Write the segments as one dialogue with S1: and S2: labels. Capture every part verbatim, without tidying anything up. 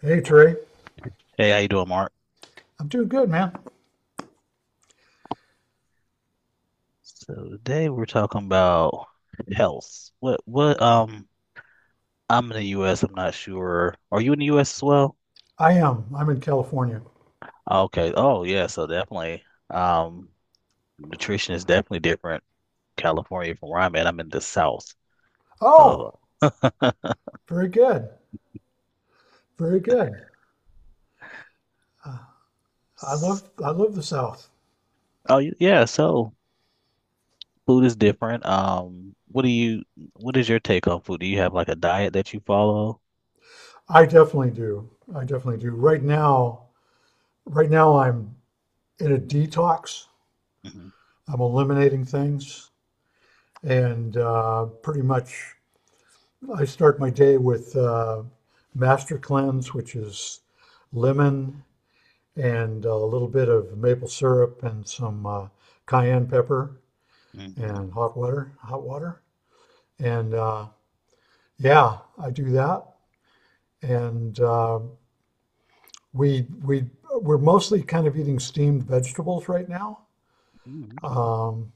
S1: Hey, Trey.
S2: Hey, how you doing, Mark?
S1: I'm doing good, man.
S2: So today we're talking about health. What what um I'm in the U S, I'm not sure. Are you in the U S as well?
S1: I am. I'm in California.
S2: Okay. Oh yeah, so definitely. Um Nutrition is definitely different California from where I'm at. I'm in the south of
S1: Oh, very good. Very good. I
S2: s-
S1: love I love the South.
S2: Oh y- yeah, so food is different. Um what do you what is your take on food? Do you have like a diet that you follow?
S1: I definitely do. I definitely do. Right now, right now I'm in a detox.
S2: Hmm.
S1: I'm eliminating things and uh, pretty much I start my day with uh, Master Cleanse, which is lemon and a little bit of maple syrup and some uh, cayenne pepper
S2: Hmm.
S1: and hot water, hot water. And uh, yeah, I do that. And uh, we we we're mostly kind of eating steamed vegetables right now.
S2: Hmm.
S1: Um,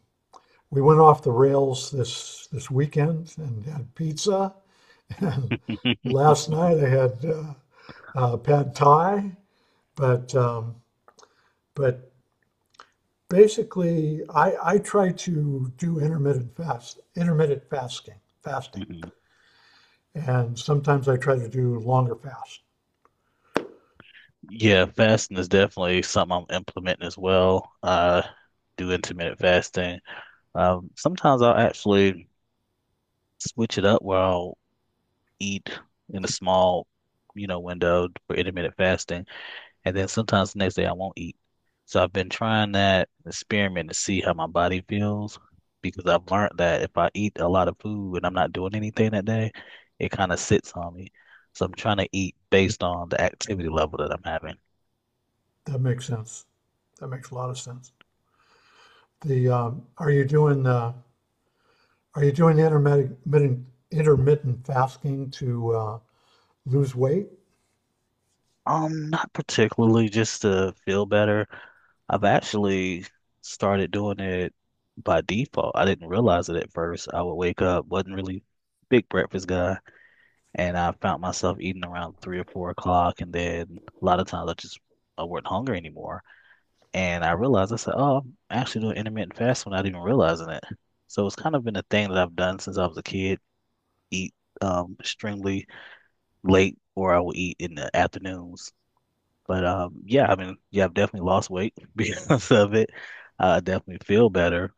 S1: we went off the rails this this weekend and had pizza. And
S2: Okay.
S1: last night I had uh, uh, pad thai. But um, but basically, I I try to do intermittent fast intermittent fasting fasting, and sometimes I try to do longer fasts.
S2: Yeah, fasting is definitely something I'm implementing as well. Uh, do intermittent fasting. Um, sometimes I'll actually switch it up where I'll eat in a small, you know, window for intermittent fasting, and then sometimes the next day I won't eat. So I've been trying that experiment to see how my body feels because I've learned that if I eat a lot of food and I'm not doing anything that day, it kind of sits on me. So I'm trying to eat based on the activity level that I'm having.
S1: That makes sense. That makes a lot of sense. The, um, are you doing, uh, are you doing intermittent, intermittent fasting to, uh, lose weight?
S2: Um, not particularly, just to feel better. I've actually started doing it by default. I didn't realize it at first. I would wake up, wasn't really big breakfast guy, and I found myself eating around three or four o'clock, and then a lot of times I just I wasn't hungry anymore, and I realized I said, "Oh, I'm actually doing intermittent fasting without even realizing it." So it's kind of been a thing that I've done since I was a kid. Eat um extremely late, or I will eat in the afternoons. But um, Yeah, I mean, yeah, I've definitely lost weight because of it. I definitely feel better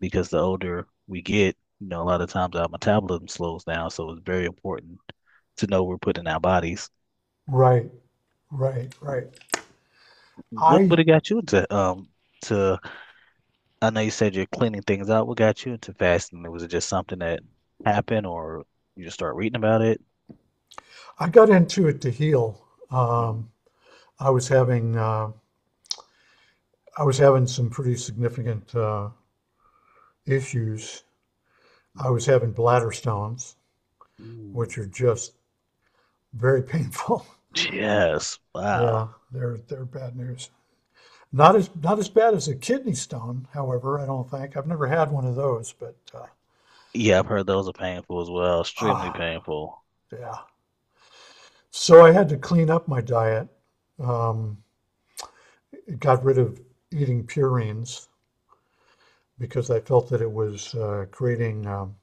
S2: because the older we get, you know, a lot of times our metabolism slows down, so it's very important to know we're putting in our bodies.
S1: Right, right, right.
S2: What would
S1: I,
S2: have got you into um to I know you said you're cleaning things out. What got you into fasting? Was it just something that happened or you just start reading about it?
S1: I got into it to heal.
S2: Mhm.
S1: Um, I was having, uh, I was having some pretty significant, uh, issues. I was
S2: Mhm.
S1: having bladder stones,
S2: Mm.
S1: which are just very painful.
S2: Yes.
S1: Yeah,
S2: Wow.
S1: they're, they're bad news. Not as not as bad as a kidney stone, however. I don't think I've never had one of those, but uh,
S2: Yeah, I've heard those are painful as well, extremely
S1: ah,
S2: painful.
S1: yeah. So I had to clean up my diet. Um, it got rid of eating purines because I felt that it was uh, creating um,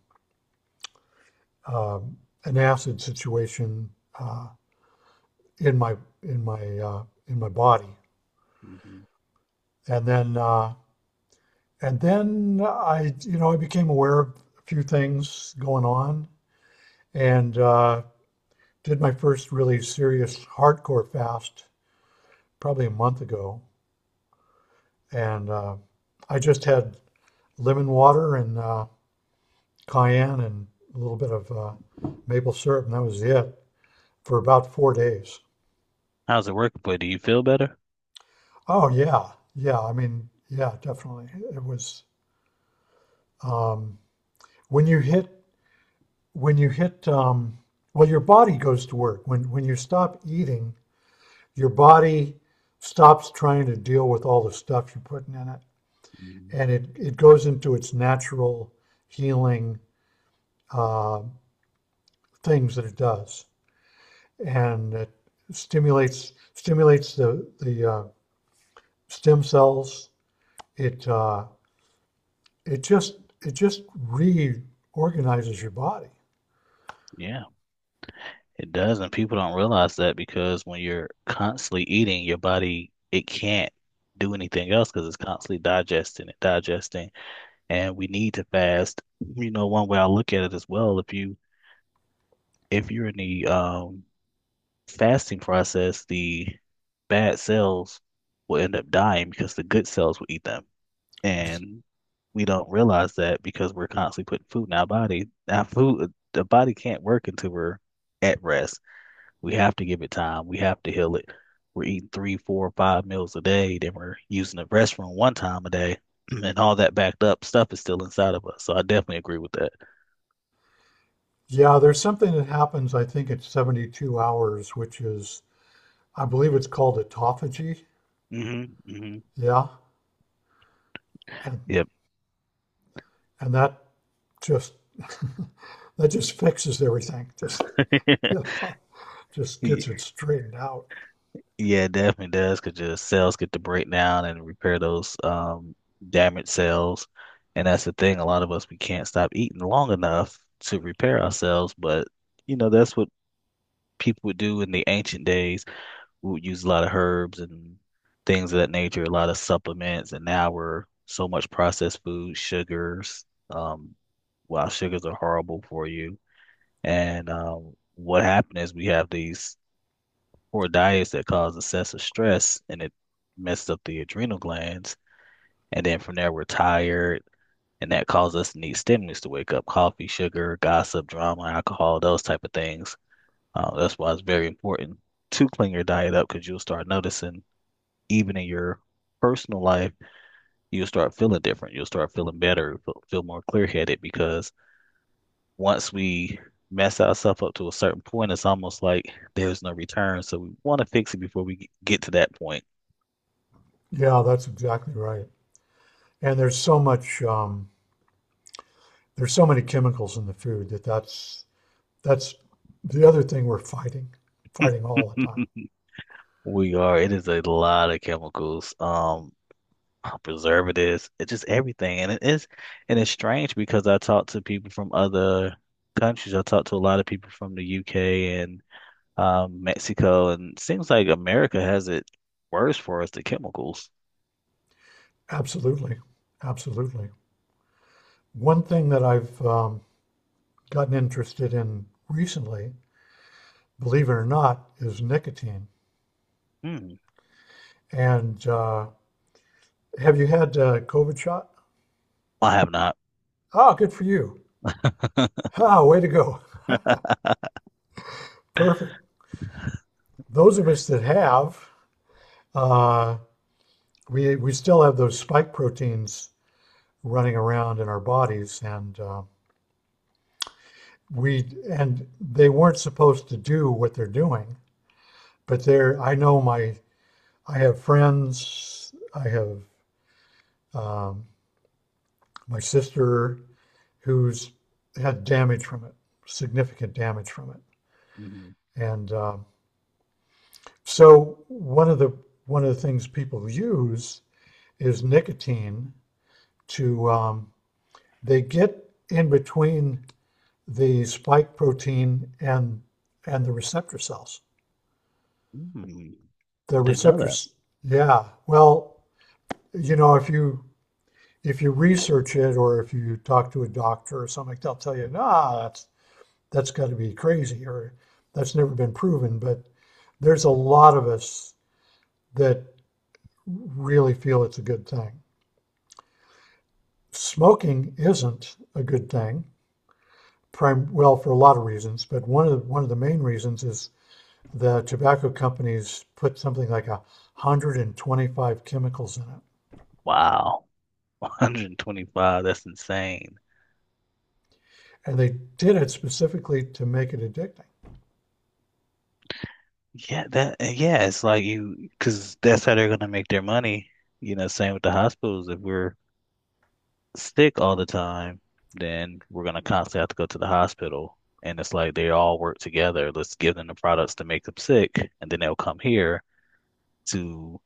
S1: um an acid situation uh, in my in my uh, in my body. And then uh, and then I, you know, I became aware of a few things going on, and uh, did my first really serious hardcore fast probably a month ago, and uh, I just had lemon water and uh, cayenne and a little bit of uh, maple syrup, and that was it for about four days.
S2: How's it work? But do you feel better?
S1: Oh yeah, yeah. I mean, yeah, definitely. It was um, when you hit when you hit um, well, your body goes to work when when you stop eating. Your body stops trying to deal with all the stuff you're putting in it,
S2: Mm.
S1: and it, it goes into its natural healing uh, things that it does, and it stimulates stimulates the the uh, stem cells. It uh, it just it just reorganizes your body.
S2: Yeah, it does, and people don't realize that because when you're constantly eating, your body it can't do anything else because it's constantly digesting it, digesting, and we need to fast. You know, one way I look at it as well, if you if you're in the um fasting process, the bad cells will end up dying because the good cells will eat them. And we don't realize that because we're constantly putting food in our body. Our food, the body can't work until we're at rest. We have to give it time. We have to heal it. We're eating three, four, five meals a day. Then we're using the restroom one time a day, and all that backed up stuff is still inside of us. So I definitely agree with that.
S1: Yeah, there's something that happens. I think at seventy-two hours, which is I believe it's called autophagy.
S2: Hmm. Hmm.
S1: Yeah, and and that just that just fixes everything. Just
S2: Yep.
S1: yeah, just gets it straightened out.
S2: Yeah, it definitely does because your cells get to break down and repair those um damaged cells. And that's the thing, a lot of us we can't stop eating long enough to repair ourselves, but you know, that's what people would do in the ancient days. We would use a lot of herbs and things of that nature, a lot of supplements, and now we're so much processed food, sugars, um, while sugars are horrible for you. And um what happened is we have these poor diets that cause excessive stress and it messed up the adrenal glands. And then from there, we're tired, and that causes us to need stimulants to wake up, coffee, sugar, gossip, drama, alcohol, those type of things. Uh, that's why it's very important to clean your diet up because you'll start noticing, even in your personal life, you'll start feeling different. You'll start feeling better, feel feel more clear-headed because once we mess ourselves up to a certain point, it's almost like there's no return. So we want to fix it before we get to that point.
S1: Yeah, that's exactly right. And there's so much, um, there's so many chemicals in the food that that's that's the other thing we're fighting, fighting all the time.
S2: We are. It is a lot of chemicals, um, preservatives, it just everything. And it is, and it's strange because I talk to people from other countries. I talk to a lot of people from the U K and um, Mexico, and it seems like America has it worse for us, the chemicals.
S1: Absolutely, absolutely. One thing that I've um, gotten interested in recently, believe it or not, is nicotine.
S2: Hmm.
S1: And uh, have you had a COVID shot?
S2: I have not.
S1: Ah, good for you. Ah, way to go. Perfect. Those of us that have, uh, we we still have those spike proteins running around in our bodies, and uh, we and they weren't supposed to do what they're doing, but they're. I know my, I have friends. I have um, my sister who's had damage from it, significant damage from it,
S2: Mm.
S1: and um so one of the one of the things people use is nicotine to um, they get in between the spike protein and and the receptor cells.
S2: Mm.
S1: The
S2: I didn't know that.
S1: receptors, yeah. Well, you know, if you if you research it or if you talk to a doctor or something, they'll tell you, nah, that's that's got to be crazy or that's never been proven. But there's a lot of us that really feel it's a good thing. Smoking isn't a good thing. Prim- well, for a lot of reasons, but one of the, one of the main reasons is the tobacco companies put something like a 125 chemicals in it.
S2: Wow. one hundred twenty-five. That's insane.
S1: And they did it specifically to make it addicting.
S2: Yeah, that yeah, it's like you because that's how they're gonna make their money. You know, same with the hospitals. If we're sick all the time, then we're gonna constantly have to go to the hospital. And it's like they all work together. Let's give them the products to make them sick, and then they'll come here to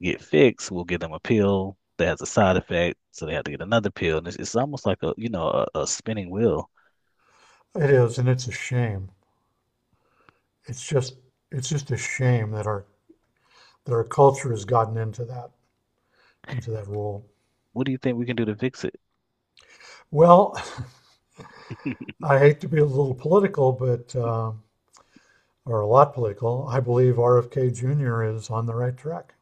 S2: get fixed. We'll give them a pill that has a side effect, so they have to get another pill. And it's, it's almost like a you know a, a spinning wheel.
S1: It is, and it's a shame. It's just it's just a shame that our that our culture has gotten into that into that role.
S2: What do you think we can do to fix it?
S1: Well, I hate to be a little political, but uh, or a lot political. I believe R F K Junior is on the right track.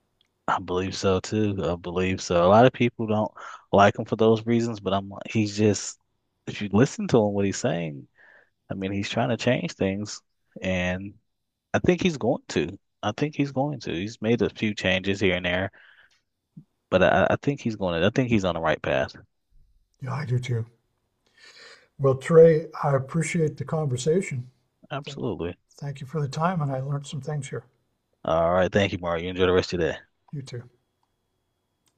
S2: I believe so too. I believe so. A lot of people don't like him for those reasons, but I'm like, he's just, if you listen to him, what he's saying, I mean, he's trying to change things, and I think he's going to. I think he's going to. He's made a few changes here and there, but I, I think he's going to. I think he's on the right path.
S1: Yeah, I do too. Well, Trey, I appreciate the conversation. Thank,
S2: Absolutely.
S1: thank you for the time, and I learned some things here.
S2: All right. Thank you, Mario. You enjoy the rest of your day.
S1: You too.